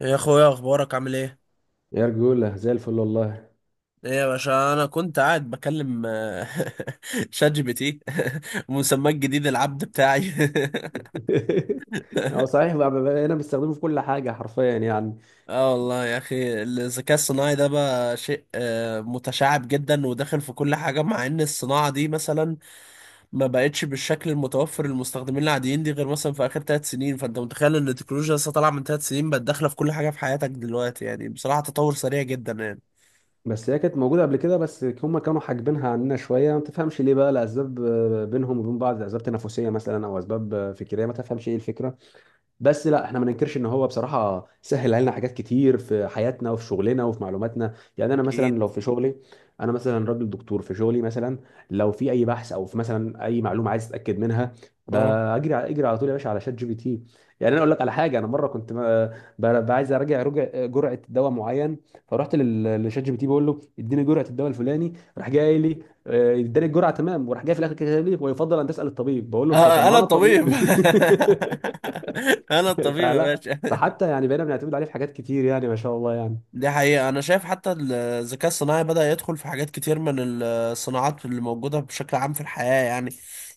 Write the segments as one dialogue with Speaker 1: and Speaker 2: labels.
Speaker 1: يا اخويا، اخبارك عامل ايه؟
Speaker 2: يا رجولة زي الفل والله.
Speaker 1: ايه يا باشا؟ انا كنت قاعد بكلم شات جي بي تي. مسماه الجديد العبد بتاعي.
Speaker 2: هو صحيح بقى بقينا بنستخدمه في كل حاجة حرفيا يعني.
Speaker 1: اه والله يا اخي، الذكاء الصناعي ده بقى شيء متشعب جدا وداخل في كل حاجه، مع ان الصناعه دي مثلا ما بقتش بالشكل المتوفر للمستخدمين العاديين دي غير مثلا في اخر ثلاث سنين. فانت متخيل ان التكنولوجيا لسه طالعه من ثلاث سنين بقت داخله في كل حاجه في حياتك دلوقتي؟ يعني بصراحه تطور سريع جدا يعني.
Speaker 2: بس هي كانت موجودة قبل كده، بس هما كانوا حاجبينها عننا شوية، ما تفهمش ليه بقى، لأسباب بينهم وبين بعض، أسباب تنافسية مثلا أو أسباب فكرية، ما تفهمش إيه الفكرة. بس لا، احنا ما ننكرش ان هو بصراحه سهل علينا حاجات كتير في حياتنا وفي شغلنا وفي معلوماتنا. يعني انا مثلا
Speaker 1: اكيد.
Speaker 2: لو في شغلي، انا مثلا راجل دكتور في شغلي مثلا، لو في اي بحث او في مثلا اي معلومه عايز اتاكد منها،
Speaker 1: اه.
Speaker 2: بجري على اجري على طول يا باشا على شات جي بي تي. يعني انا اقول لك على حاجه، انا مره كنت عايز اراجع جرعه دواء معين، فرحت لشات جي بي تي، بقول له اديني جرعه الدواء الفلاني، راح جاي لي اداني الجرعه تمام، وراح جاي في الاخر كاتب لي ويفضل ان تسال الطبيب، بقول له فطب ما هو
Speaker 1: انا
Speaker 2: انا الطبيب.
Speaker 1: الطبيب. انا الطبيب يا
Speaker 2: فلا،
Speaker 1: باشا.
Speaker 2: فحتى يعني بقينا بنعتمد عليه في حاجات كتير يعني، ما شاء الله يعني.
Speaker 1: دي حقيقة، انا شايف حتى الذكاء الصناعي بدأ يدخل في حاجات كتير من الصناعات اللي موجودة بشكل عام في الحياة يعني.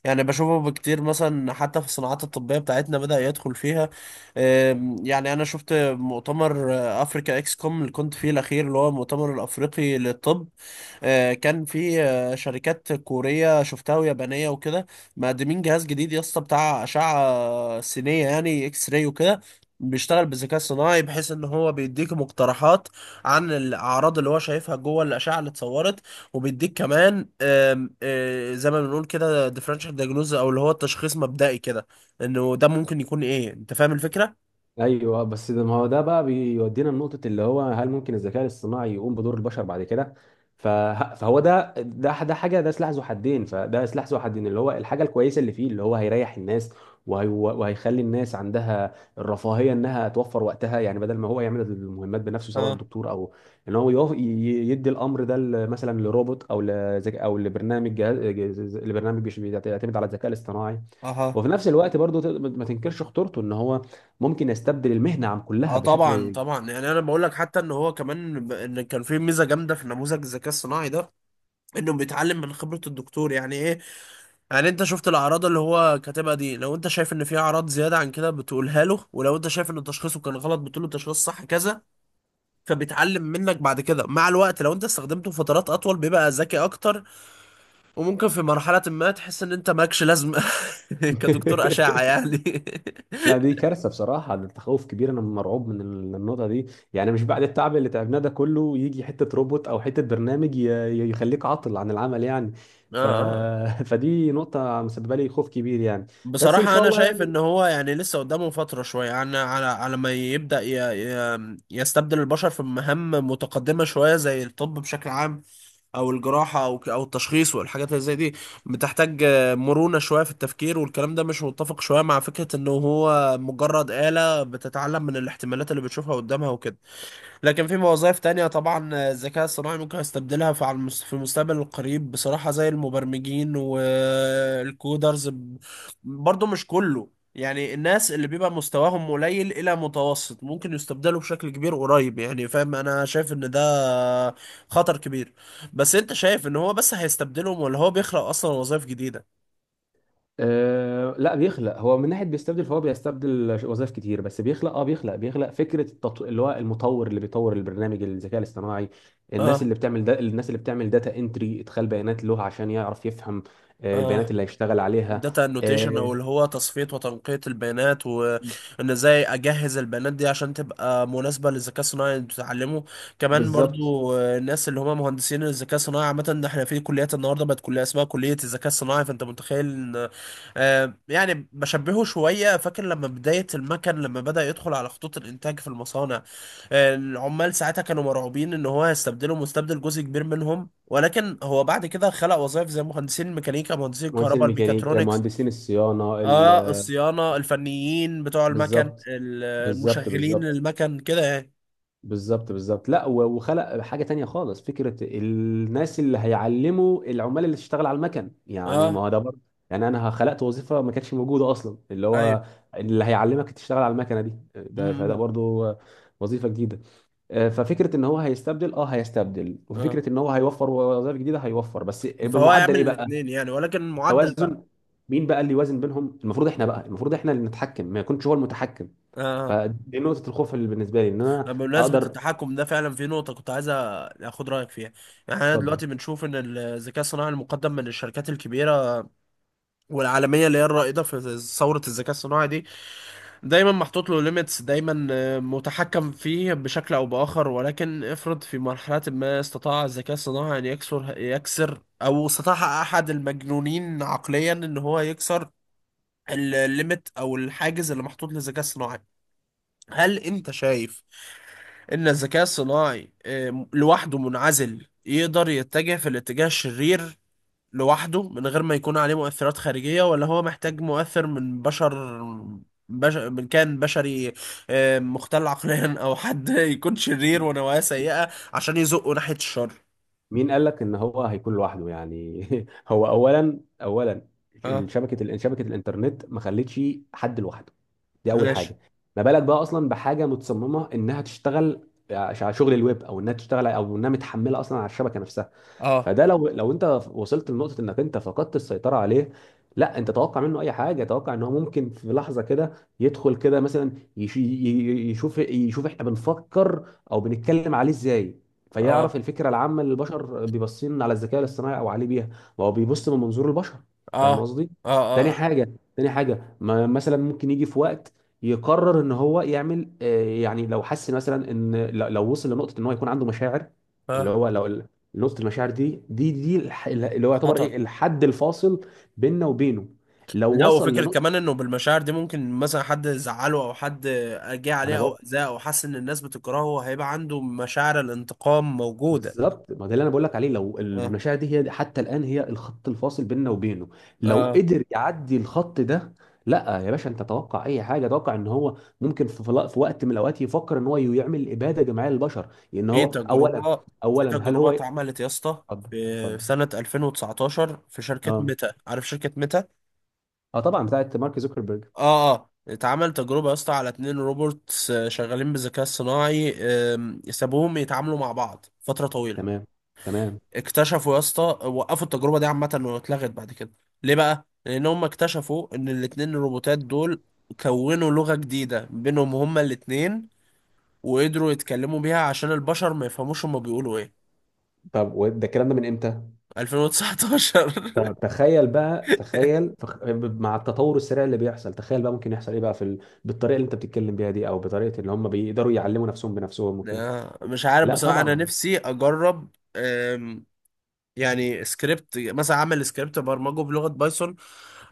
Speaker 1: يعني بشوفه بكتير مثلا حتى في الصناعات الطبية بتاعتنا بدأ يدخل فيها. يعني انا شفت مؤتمر افريكا اكس كوم اللي كنت فيه الاخير، اللي هو المؤتمر الافريقي للطب. كان في شركات كورية شفتها ويابانية وكده، مقدمين جهاز جديد يا اسطى بتاع أشعة سينية، يعني اكس راي وكده، بيشتغل بالذكاء الصناعي، بحيث ان هو بيديك مقترحات عن الاعراض اللي هو شايفها جوه الاشعه اللي اتصورت. وبيديك كمان آم، آه، زي ما بنقول كده ديفرنشال دايجنوز، او اللي هو التشخيص مبدئي كده، انه ده ممكن يكون ايه. انت فاهم الفكره؟
Speaker 2: ايوه، بس ده ما هو ده بقى بيودينا لنقطه اللي هو، هل ممكن الذكاء الاصطناعي يقوم بدور البشر بعد كده؟ فهو ده حاجه، ده سلاح ذو حدين، فده سلاح ذو حدين. اللي هو الحاجه الكويسه اللي فيه، اللي هو هيريح الناس وهيخلي الناس عندها الرفاهيه انها توفر وقتها، يعني بدل ما هو يعمل المهمات بنفسه سواء
Speaker 1: اه.
Speaker 2: الدكتور او ان هو يدي الامر ده مثلا لروبوت او او لبرنامج لبرنامج بيعتمد على الذكاء الاصطناعي.
Speaker 1: اها.
Speaker 2: وفي نفس الوقت برضو ما تنكرش خطورته، ان هو ممكن يستبدل المهنه عن كلها
Speaker 1: اه طبعا
Speaker 2: بشكل.
Speaker 1: طبعا. يعني انا بقول لك حتى ان هو كمان ان كان في ميزه جامده في نموذج الذكاء الصناعي ده، انه بيتعلم من خبره الدكتور. يعني ايه؟ يعني انت شفت الاعراض اللي هو كاتبها دي، لو انت شايف ان في اعراض زياده عن كده بتقولها له، ولو انت شايف ان تشخيصه كان غلط بتقول له تشخيص صح كذا، فبيتعلم منك بعد كده مع الوقت. لو انت استخدمته فترات اطول بيبقى ذكي اكتر، وممكن في مرحله ما تحس ان انت مالكش لازمه كدكتور اشعه يعني.
Speaker 2: لا دي كارثه بصراحه، ده تخوف كبير، انا مرعوب من النقطه دي. يعني مش بعد التعب اللي تعبناه ده كله يجي حته روبوت او حته برنامج يخليك عاطل عن العمل يعني. ف...
Speaker 1: اه.
Speaker 2: فدي نقطه مسببه لي خوف كبير يعني. بس ان
Speaker 1: بصراحة
Speaker 2: شاء
Speaker 1: أنا
Speaker 2: الله
Speaker 1: شايف إن
Speaker 2: يعني.
Speaker 1: هو يعني لسه قدامه فترة شوية، يعني على ما يبدأ يستبدل البشر في مهام متقدمة شوية زي الطب بشكل عام، أو الجراحة، أو التشخيص والحاجات اللي زي دي. بتحتاج مرونة شوية في التفكير، والكلام ده مش متفق شوية مع فكرة إنه هو مجرد آلة بتتعلم من الاحتمالات اللي بتشوفها قدامها وكده. لكن في وظائف تانية طبعا الذكاء الصناعي ممكن يستبدلها في في المستقبل القريب بصراحة، زي المبرمجين والكودرز. برضو مش كله، يعني الناس اللي بيبقى مستواهم قليل إلى متوسط ممكن يستبدلوا بشكل كبير قريب يعني، فاهم؟ أنا شايف إن ده خطر كبير. بس أنت شايف إن هو بس هيستبدلهم، ولا هو بيخلق أصلا وظائف جديدة؟
Speaker 2: أه لا بيخلق، هو من ناحيه بيستبدل، فهو بيستبدل وظائف كتير، بس بيخلق، اه بيخلق فكره اللي هو المطور اللي بيطور البرنامج الذكاء الاصطناعي، الناس
Speaker 1: اه.
Speaker 2: اللي بتعمل الناس اللي بتعمل داتا انتري ادخال بيانات له عشان يعرف يفهم البيانات
Speaker 1: اه.
Speaker 2: اللي هيشتغل عليها.
Speaker 1: داتا انوتيشن،
Speaker 2: آه،
Speaker 1: او اللي هو تصفية وتنقية البيانات، وان ازاي اجهز البيانات دي عشان تبقى مناسبة للذكاء الصناعي اللي بتتعلمه. كمان
Speaker 2: بالظبط.
Speaker 1: برضو الناس اللي هم مهندسين الذكاء الصناعي عامة. إن احنا في كليات النهاردة بقت كلية اسمها كلية الذكاء الصناعي، فانت متخيل ان يعني بشبهه شوية. فاكر لما بداية المكن لما بدأ يدخل على خطوط الانتاج في المصانع، العمال ساعتها كانوا مرعوبين ان هو هيستبدله، مستبدل جزء كبير منهم، ولكن هو بعد كده خلق وظائف زي مهندسين الميكانيكا، مهندسين
Speaker 2: مهندسين
Speaker 1: الكهرباء،
Speaker 2: الميكانيكا،
Speaker 1: الميكاترونكس.
Speaker 2: مهندسين الصيانه
Speaker 1: اه الصيانة، الفنيين بتوع المكن،
Speaker 2: بالظبط. بالظبط
Speaker 1: المشغلين
Speaker 2: بالظبط.
Speaker 1: المكن كده يعني.
Speaker 2: بالظبط لا، وخلق حاجه تانية خالص، فكره الناس اللي هيعلموا العمال اللي تشتغل على المكن، يعني ما
Speaker 1: اه.
Speaker 2: هو ده برضه يعني انا خلقت وظيفه ما كانتش موجوده اصلا، اللي
Speaker 1: ايوه.
Speaker 2: هو اللي هيعلمك تشتغل على المكنه دي، ده فده
Speaker 1: امم.
Speaker 2: برضه وظيفه جديده. آه، ففكره ان هو هيستبدل، اه هيستبدل،
Speaker 1: اه.
Speaker 2: وفكره ان هو هيوفر وظائف جديده هيوفر، بس
Speaker 1: فهو
Speaker 2: بمعدل
Speaker 1: يعمل
Speaker 2: ايه بقى؟
Speaker 1: الاثنين يعني، ولكن المعدل بقى.
Speaker 2: توازن. مين بقى اللي يوازن بينهم؟ المفروض احنا بقى، المفروض احنا اللي نتحكم، ما يكونش هو المتحكم.
Speaker 1: اه.
Speaker 2: فدي نقطه الخوف اللي بالنسبه لي، ان انا
Speaker 1: آه. بمناسبة
Speaker 2: اقدر.
Speaker 1: التحكم ده فعلا في نقطة كنت عايز اخد رأيك فيها. يعني احنا
Speaker 2: اتفضل.
Speaker 1: دلوقتي بنشوف ان الذكاء الصناعي المقدم من الشركات الكبيرة والعالمية، اللي هي الرائدة في ثورة الذكاء الصناعي دي، دايما محطوط له ليميتس، دايما متحكم فيه بشكل او باخر. ولكن افرض في مرحله ما استطاع الذكاء الصناعي ان يكسر، او استطاع احد المجنونين عقليا ان هو يكسر الليميت او الحاجز اللي محطوط للذكاء الصناعي، هل انت شايف ان الذكاء الصناعي لوحده منعزل يقدر يتجه في الاتجاه الشرير لوحده، من غير ما يكون عليه مؤثرات خارجية؟ ولا هو محتاج مؤثر من بشر، من كان بشري مختل عقليا او حد يكون شرير ونوايا سيئة عشان يزقه ناحية الشر؟
Speaker 2: مين قال لك ان هو هيكون لوحده يعني؟ هو اولا، اولا
Speaker 1: اه.
Speaker 2: شبكه، شبكه الانترنت ما خلتش حد لوحده، دي اول
Speaker 1: ماشي.
Speaker 2: حاجه. ما بالك بقى اصلا بحاجه متصممه انها تشتغل على شغل الويب، او انها تشتغل، او انها متحمله اصلا على الشبكه نفسها.
Speaker 1: اه.
Speaker 2: فده لو انت وصلت لنقطه انك انت فقدت السيطره عليه، لا انت توقع منه اي حاجه، توقع ان هو ممكن في لحظه كده يدخل كده مثلا يشوف، يشوف احنا بنفكر او بنتكلم عليه ازاي،
Speaker 1: اه.
Speaker 2: فيعرف الفكره العامه اللي البشر بيبصين على الذكاء الاصطناعي او عليه بيها. ما هو بيبص من منظور البشر. فاهم
Speaker 1: اه.
Speaker 2: قصدي.
Speaker 1: اه.
Speaker 2: تاني
Speaker 1: اه.
Speaker 2: حاجه تاني حاجه ما مثلا ممكن يجي في وقت يقرر ان هو يعمل يعني لو حس مثلا ان لو وصل لنقطه ان هو يكون عنده مشاعر، اللي
Speaker 1: اه.
Speaker 2: هو لو نقطه المشاعر دي، دي اللي هو يعتبر
Speaker 1: خطر.
Speaker 2: ايه الحد الفاصل بيننا وبينه، لو
Speaker 1: لا،
Speaker 2: وصل
Speaker 1: وفكرة
Speaker 2: لنقطه.
Speaker 1: كمان انه بالمشاعر دي ممكن مثلا حد زعله، او حد جه
Speaker 2: ما انا
Speaker 1: عليه او
Speaker 2: بقول،
Speaker 1: اذاه، او حس ان الناس بتكرهه، هيبقى عنده مشاعر الانتقام موجودة.
Speaker 2: بالظبط، ما ده اللي انا بقول لك عليه، لو
Speaker 1: اه.
Speaker 2: المشاعر دي هي حتى الان هي الخط الفاصل بيننا وبينه، لو
Speaker 1: اه.
Speaker 2: قدر يعدي الخط ده، لا يا باشا انت توقع اي حاجه، توقع ان هو ممكن في في وقت من الاوقات يفكر ان هو يعمل اباده جماعيه للبشر، لان
Speaker 1: في
Speaker 2: هو اولا،
Speaker 1: تجربة في
Speaker 2: اولا هل
Speaker 1: تجربة
Speaker 2: هو.
Speaker 1: اتعملت يا اسطى،
Speaker 2: اتفضل.
Speaker 1: في
Speaker 2: اتفضل.
Speaker 1: سنة 2019 في شركة
Speaker 2: اه.
Speaker 1: ميتا. عارف شركة ميتا؟
Speaker 2: اه طبعا، بتاعت مارك زوكربيرج.
Speaker 1: اه. اه. اتعمل تجربة يا اسطى على اتنين روبوتس شغالين بالذكاء الصناعي. سابوهم يتعاملوا مع بعض فترة طويلة.
Speaker 2: تمام. تمام.
Speaker 1: اكتشفوا يا اسطى، وقفوا التجربة دي عامة واتلغت بعد كده. ليه بقى؟ لأن هم اكتشفوا إن الاتنين الروبوتات دول كونوا لغة جديدة بينهم هما الاتنين، وقدروا يتكلموا بيها عشان البشر ما يفهموش هما بيقولوا ايه.
Speaker 2: طب وده الكلام ده من امتى؟
Speaker 1: 2019.
Speaker 2: طب تخيل بقى، تخيل، مع التطور السريع اللي بيحصل، تخيل بقى ممكن يحصل ايه بقى في بالطريقه اللي انت بتتكلم بيها دي، او بطريقه اللي هم بيقدروا يعلموا نفسهم بنفسهم وكده.
Speaker 1: مش عارف
Speaker 2: لا
Speaker 1: بصراحة. أنا
Speaker 2: طبعا.
Speaker 1: نفسي أجرب يعني سكريبت مثلا، أعمل سكريبت برمجه بلغة بايثون،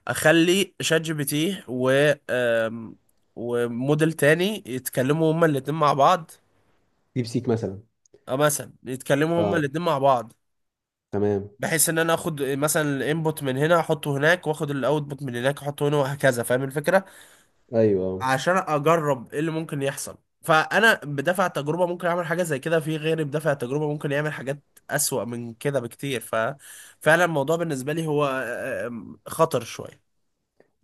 Speaker 1: أخلي شات جي بي تي و آم، وموديل تاني يتكلموا هما الاتنين مع بعض،
Speaker 2: ديب سيك مثلا.
Speaker 1: أو مثلا يتكلموا هما
Speaker 2: اه.
Speaker 1: الاتنين مع بعض،
Speaker 2: تمام.
Speaker 1: بحيث إن أنا آخد مثلا الانبوت من هنا أحطه هناك، وآخد الاوتبوت من هناك أحطه هنا، وهكذا. فاهم الفكرة؟
Speaker 2: ايوه.
Speaker 1: عشان اجرب ايه اللي ممكن يحصل. فانا بدافع التجربه ممكن اعمل حاجه زي كده، في غيري بدافع التجربه ممكن يعمل حاجات اسوأ من كده بكتير. ففعلا الموضوع بالنسبه لي هو خطر شويه.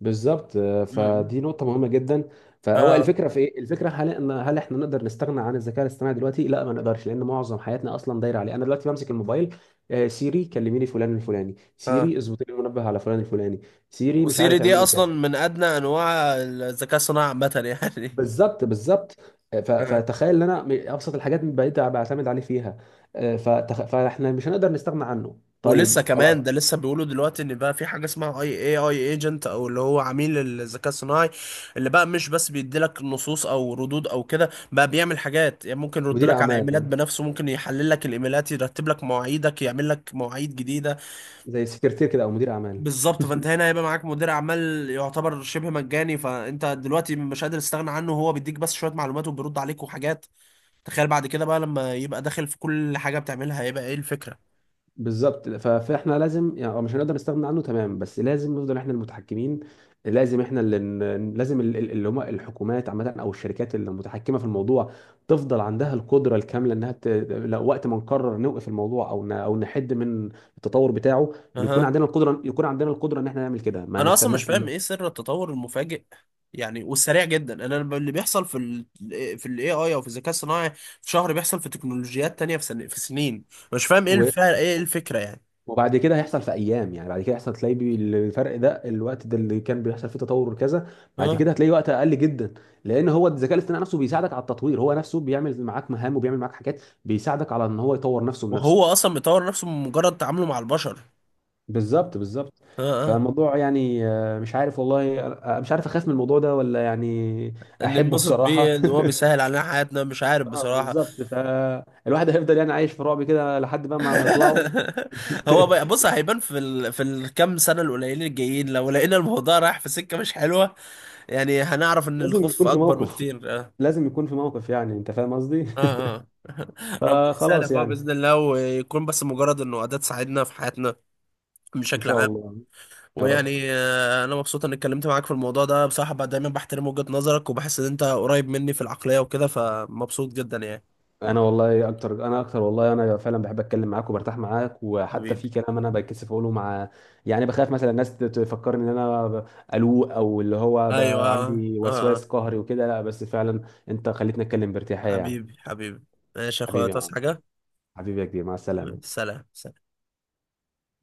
Speaker 2: بالظبط. آه،
Speaker 1: مم.
Speaker 2: فدي نقطة مهمة جدا. فهو
Speaker 1: اه.
Speaker 2: الفكرة في ايه؟ الفكرة، هل ان، هل احنا نقدر نستغنى عن الذكاء الاصطناعي دلوقتي؟ لا ما نقدرش، لان معظم حياتنا اصلا دايرة عليه. انا دلوقتي بمسك الموبايل، آه، سيري كلميني فلان الفلاني،
Speaker 1: اه.
Speaker 2: سيري اظبطي لي المنبه على فلان الفلاني، سيري مش
Speaker 1: وسيري
Speaker 2: عارف
Speaker 1: دي
Speaker 2: اعملي
Speaker 1: اصلا
Speaker 2: كذا.
Speaker 1: من ادنى انواع الذكاء الصناعي عامه يعني.
Speaker 2: بالظبط بالظبط. آه، فتخيل ان انا ابسط الحاجات بقيت بعتمد عليه فيها. آه، فاحنا مش هنقدر نستغنى عنه.
Speaker 1: ولسه
Speaker 2: طيب خلاص.
Speaker 1: كمان، ده لسه بيقولوا دلوقتي ان بقى في حاجه اسمها اي اي اي ايجنت، او اللي هو عميل الذكاء الصناعي، اللي بقى مش بس بيديلك نصوص او ردود او كده، بقى بيعمل حاجات يعني. ممكن يرد
Speaker 2: مدير
Speaker 1: لك على ايميلات
Speaker 2: اعمال،
Speaker 1: بنفسه، ممكن يحلل لك الايميلات، يرتب لك مواعيدك، يعمل لك مواعيد جديده.
Speaker 2: زي سكرتير كده او مدير اعمال.
Speaker 1: بالظبط. فانت هنا هيبقى معاك مدير اعمال يعتبر شبه مجاني. فانت دلوقتي مش قادر تستغنى عنه، هو بيديك بس شويه معلومات وبيرد عليك وحاجات. تخيل بعد كده بقى لما يبقى داخل في كل حاجه بتعملها، هيبقى ايه الفكره.
Speaker 2: بالظبط، فاحنا لازم يعني، آه، مش هنقدر نستغنى عنه تمام، بس لازم نفضل احنا المتحكمين. لازم احنا اللي لازم اللي هم الحكومات عامه او الشركات المتحكمه في الموضوع تفضل عندها القدره الكامله انها لو وقت ما نقرر نوقف الموضوع او او نحد من التطور بتاعه، نكون
Speaker 1: اها.
Speaker 2: عندنا القدره، يكون عندنا القدره ان احنا نعمل كده، ما
Speaker 1: انا اصلا مش
Speaker 2: نستناش.
Speaker 1: فاهم ايه سر التطور المفاجئ، يعني والسريع جدا. انا اللي بيحصل في الاي اي، او في الذكاء الصناعي في شهر، بيحصل في تكنولوجيات تانية في سن في سنين. مش فاهم ايه الفعل، ايه الفكرة يعني.
Speaker 2: وبعد كده هيحصل في ايام يعني، بعد كده هيحصل تلاقي الفرق ده الوقت ده اللي كان بيحصل فيه تطور كذا، بعد
Speaker 1: اه.
Speaker 2: كده هتلاقي وقت اقل جدا. لان هو الذكاء الاصطناعي نفسه بيساعدك على التطوير، هو نفسه بيعمل معاك مهام وبيعمل معاك حاجات، بيساعدك على ان هو يطور نفسه بنفسه.
Speaker 1: وهو اصلا بيطور نفسه من مجرد تعامله مع البشر.
Speaker 2: بالظبط بالظبط.
Speaker 1: اه. اه.
Speaker 2: فالموضوع يعني، آه، مش عارف والله، آه، مش عارف اخاف من الموضوع ده ولا يعني
Speaker 1: اللي
Speaker 2: احبه
Speaker 1: انبسط
Speaker 2: بصراحة.
Speaker 1: بيه ان هو بيسهل علينا حياتنا. مش عارف
Speaker 2: اه
Speaker 1: بصراحة.
Speaker 2: بالظبط، فالواحد هيفضل يعني عايش في رعب كده لحد بقى ما، ما يطلعوا.
Speaker 1: بص،
Speaker 2: لا،
Speaker 1: هيبان في في الكام سنة القليلين الجايين. لو لقينا الموضوع رايح في سكة مش حلوة، يعني هنعرف ان
Speaker 2: لازم
Speaker 1: الخوف
Speaker 2: يكون في
Speaker 1: اكبر
Speaker 2: موقف،
Speaker 1: بكتير آه.
Speaker 2: لازم يكون في موقف، يعني انت فاهم قصدي.
Speaker 1: اه. اه. ربنا يسهل يا
Speaker 2: فخلاص
Speaker 1: اخويا
Speaker 2: يعني.
Speaker 1: باذن الله، ويكون بس مجرد انه اداه تساعدنا في حياتنا
Speaker 2: ان
Speaker 1: بشكل
Speaker 2: شاء
Speaker 1: عام.
Speaker 2: الله. يا رب.
Speaker 1: ويعني انا مبسوط اني اتكلمت معاك في الموضوع ده بصراحه. بقى دايما بحترم وجهه نظرك وبحس ان انت قريب مني في العقليه وكده، فمبسوط جدا يعني.
Speaker 2: انا والله اكتر، انا اكتر والله، انا فعلا بحب اتكلم معاك وبرتاح معاك، وحتى
Speaker 1: حبيبي.
Speaker 2: في كلام انا بتكسف اقوله مع، يعني بخاف مثلا الناس تفكرني ان انا قلوق، او اللي هو
Speaker 1: ايوه. اه.
Speaker 2: عندي
Speaker 1: اه. آه.
Speaker 2: وسواس قهري وكده، لا بس فعلا انت خليتني اتكلم بارتياحية يعني.
Speaker 1: حبيبي حبيبي. ماشي يا اخويا،
Speaker 2: حبيبي يا
Speaker 1: تصحى
Speaker 2: معلم.
Speaker 1: حاجه.
Speaker 2: حبيبي يا كبير، مع
Speaker 1: حبيبي.
Speaker 2: السلامة.
Speaker 1: سلام سلام.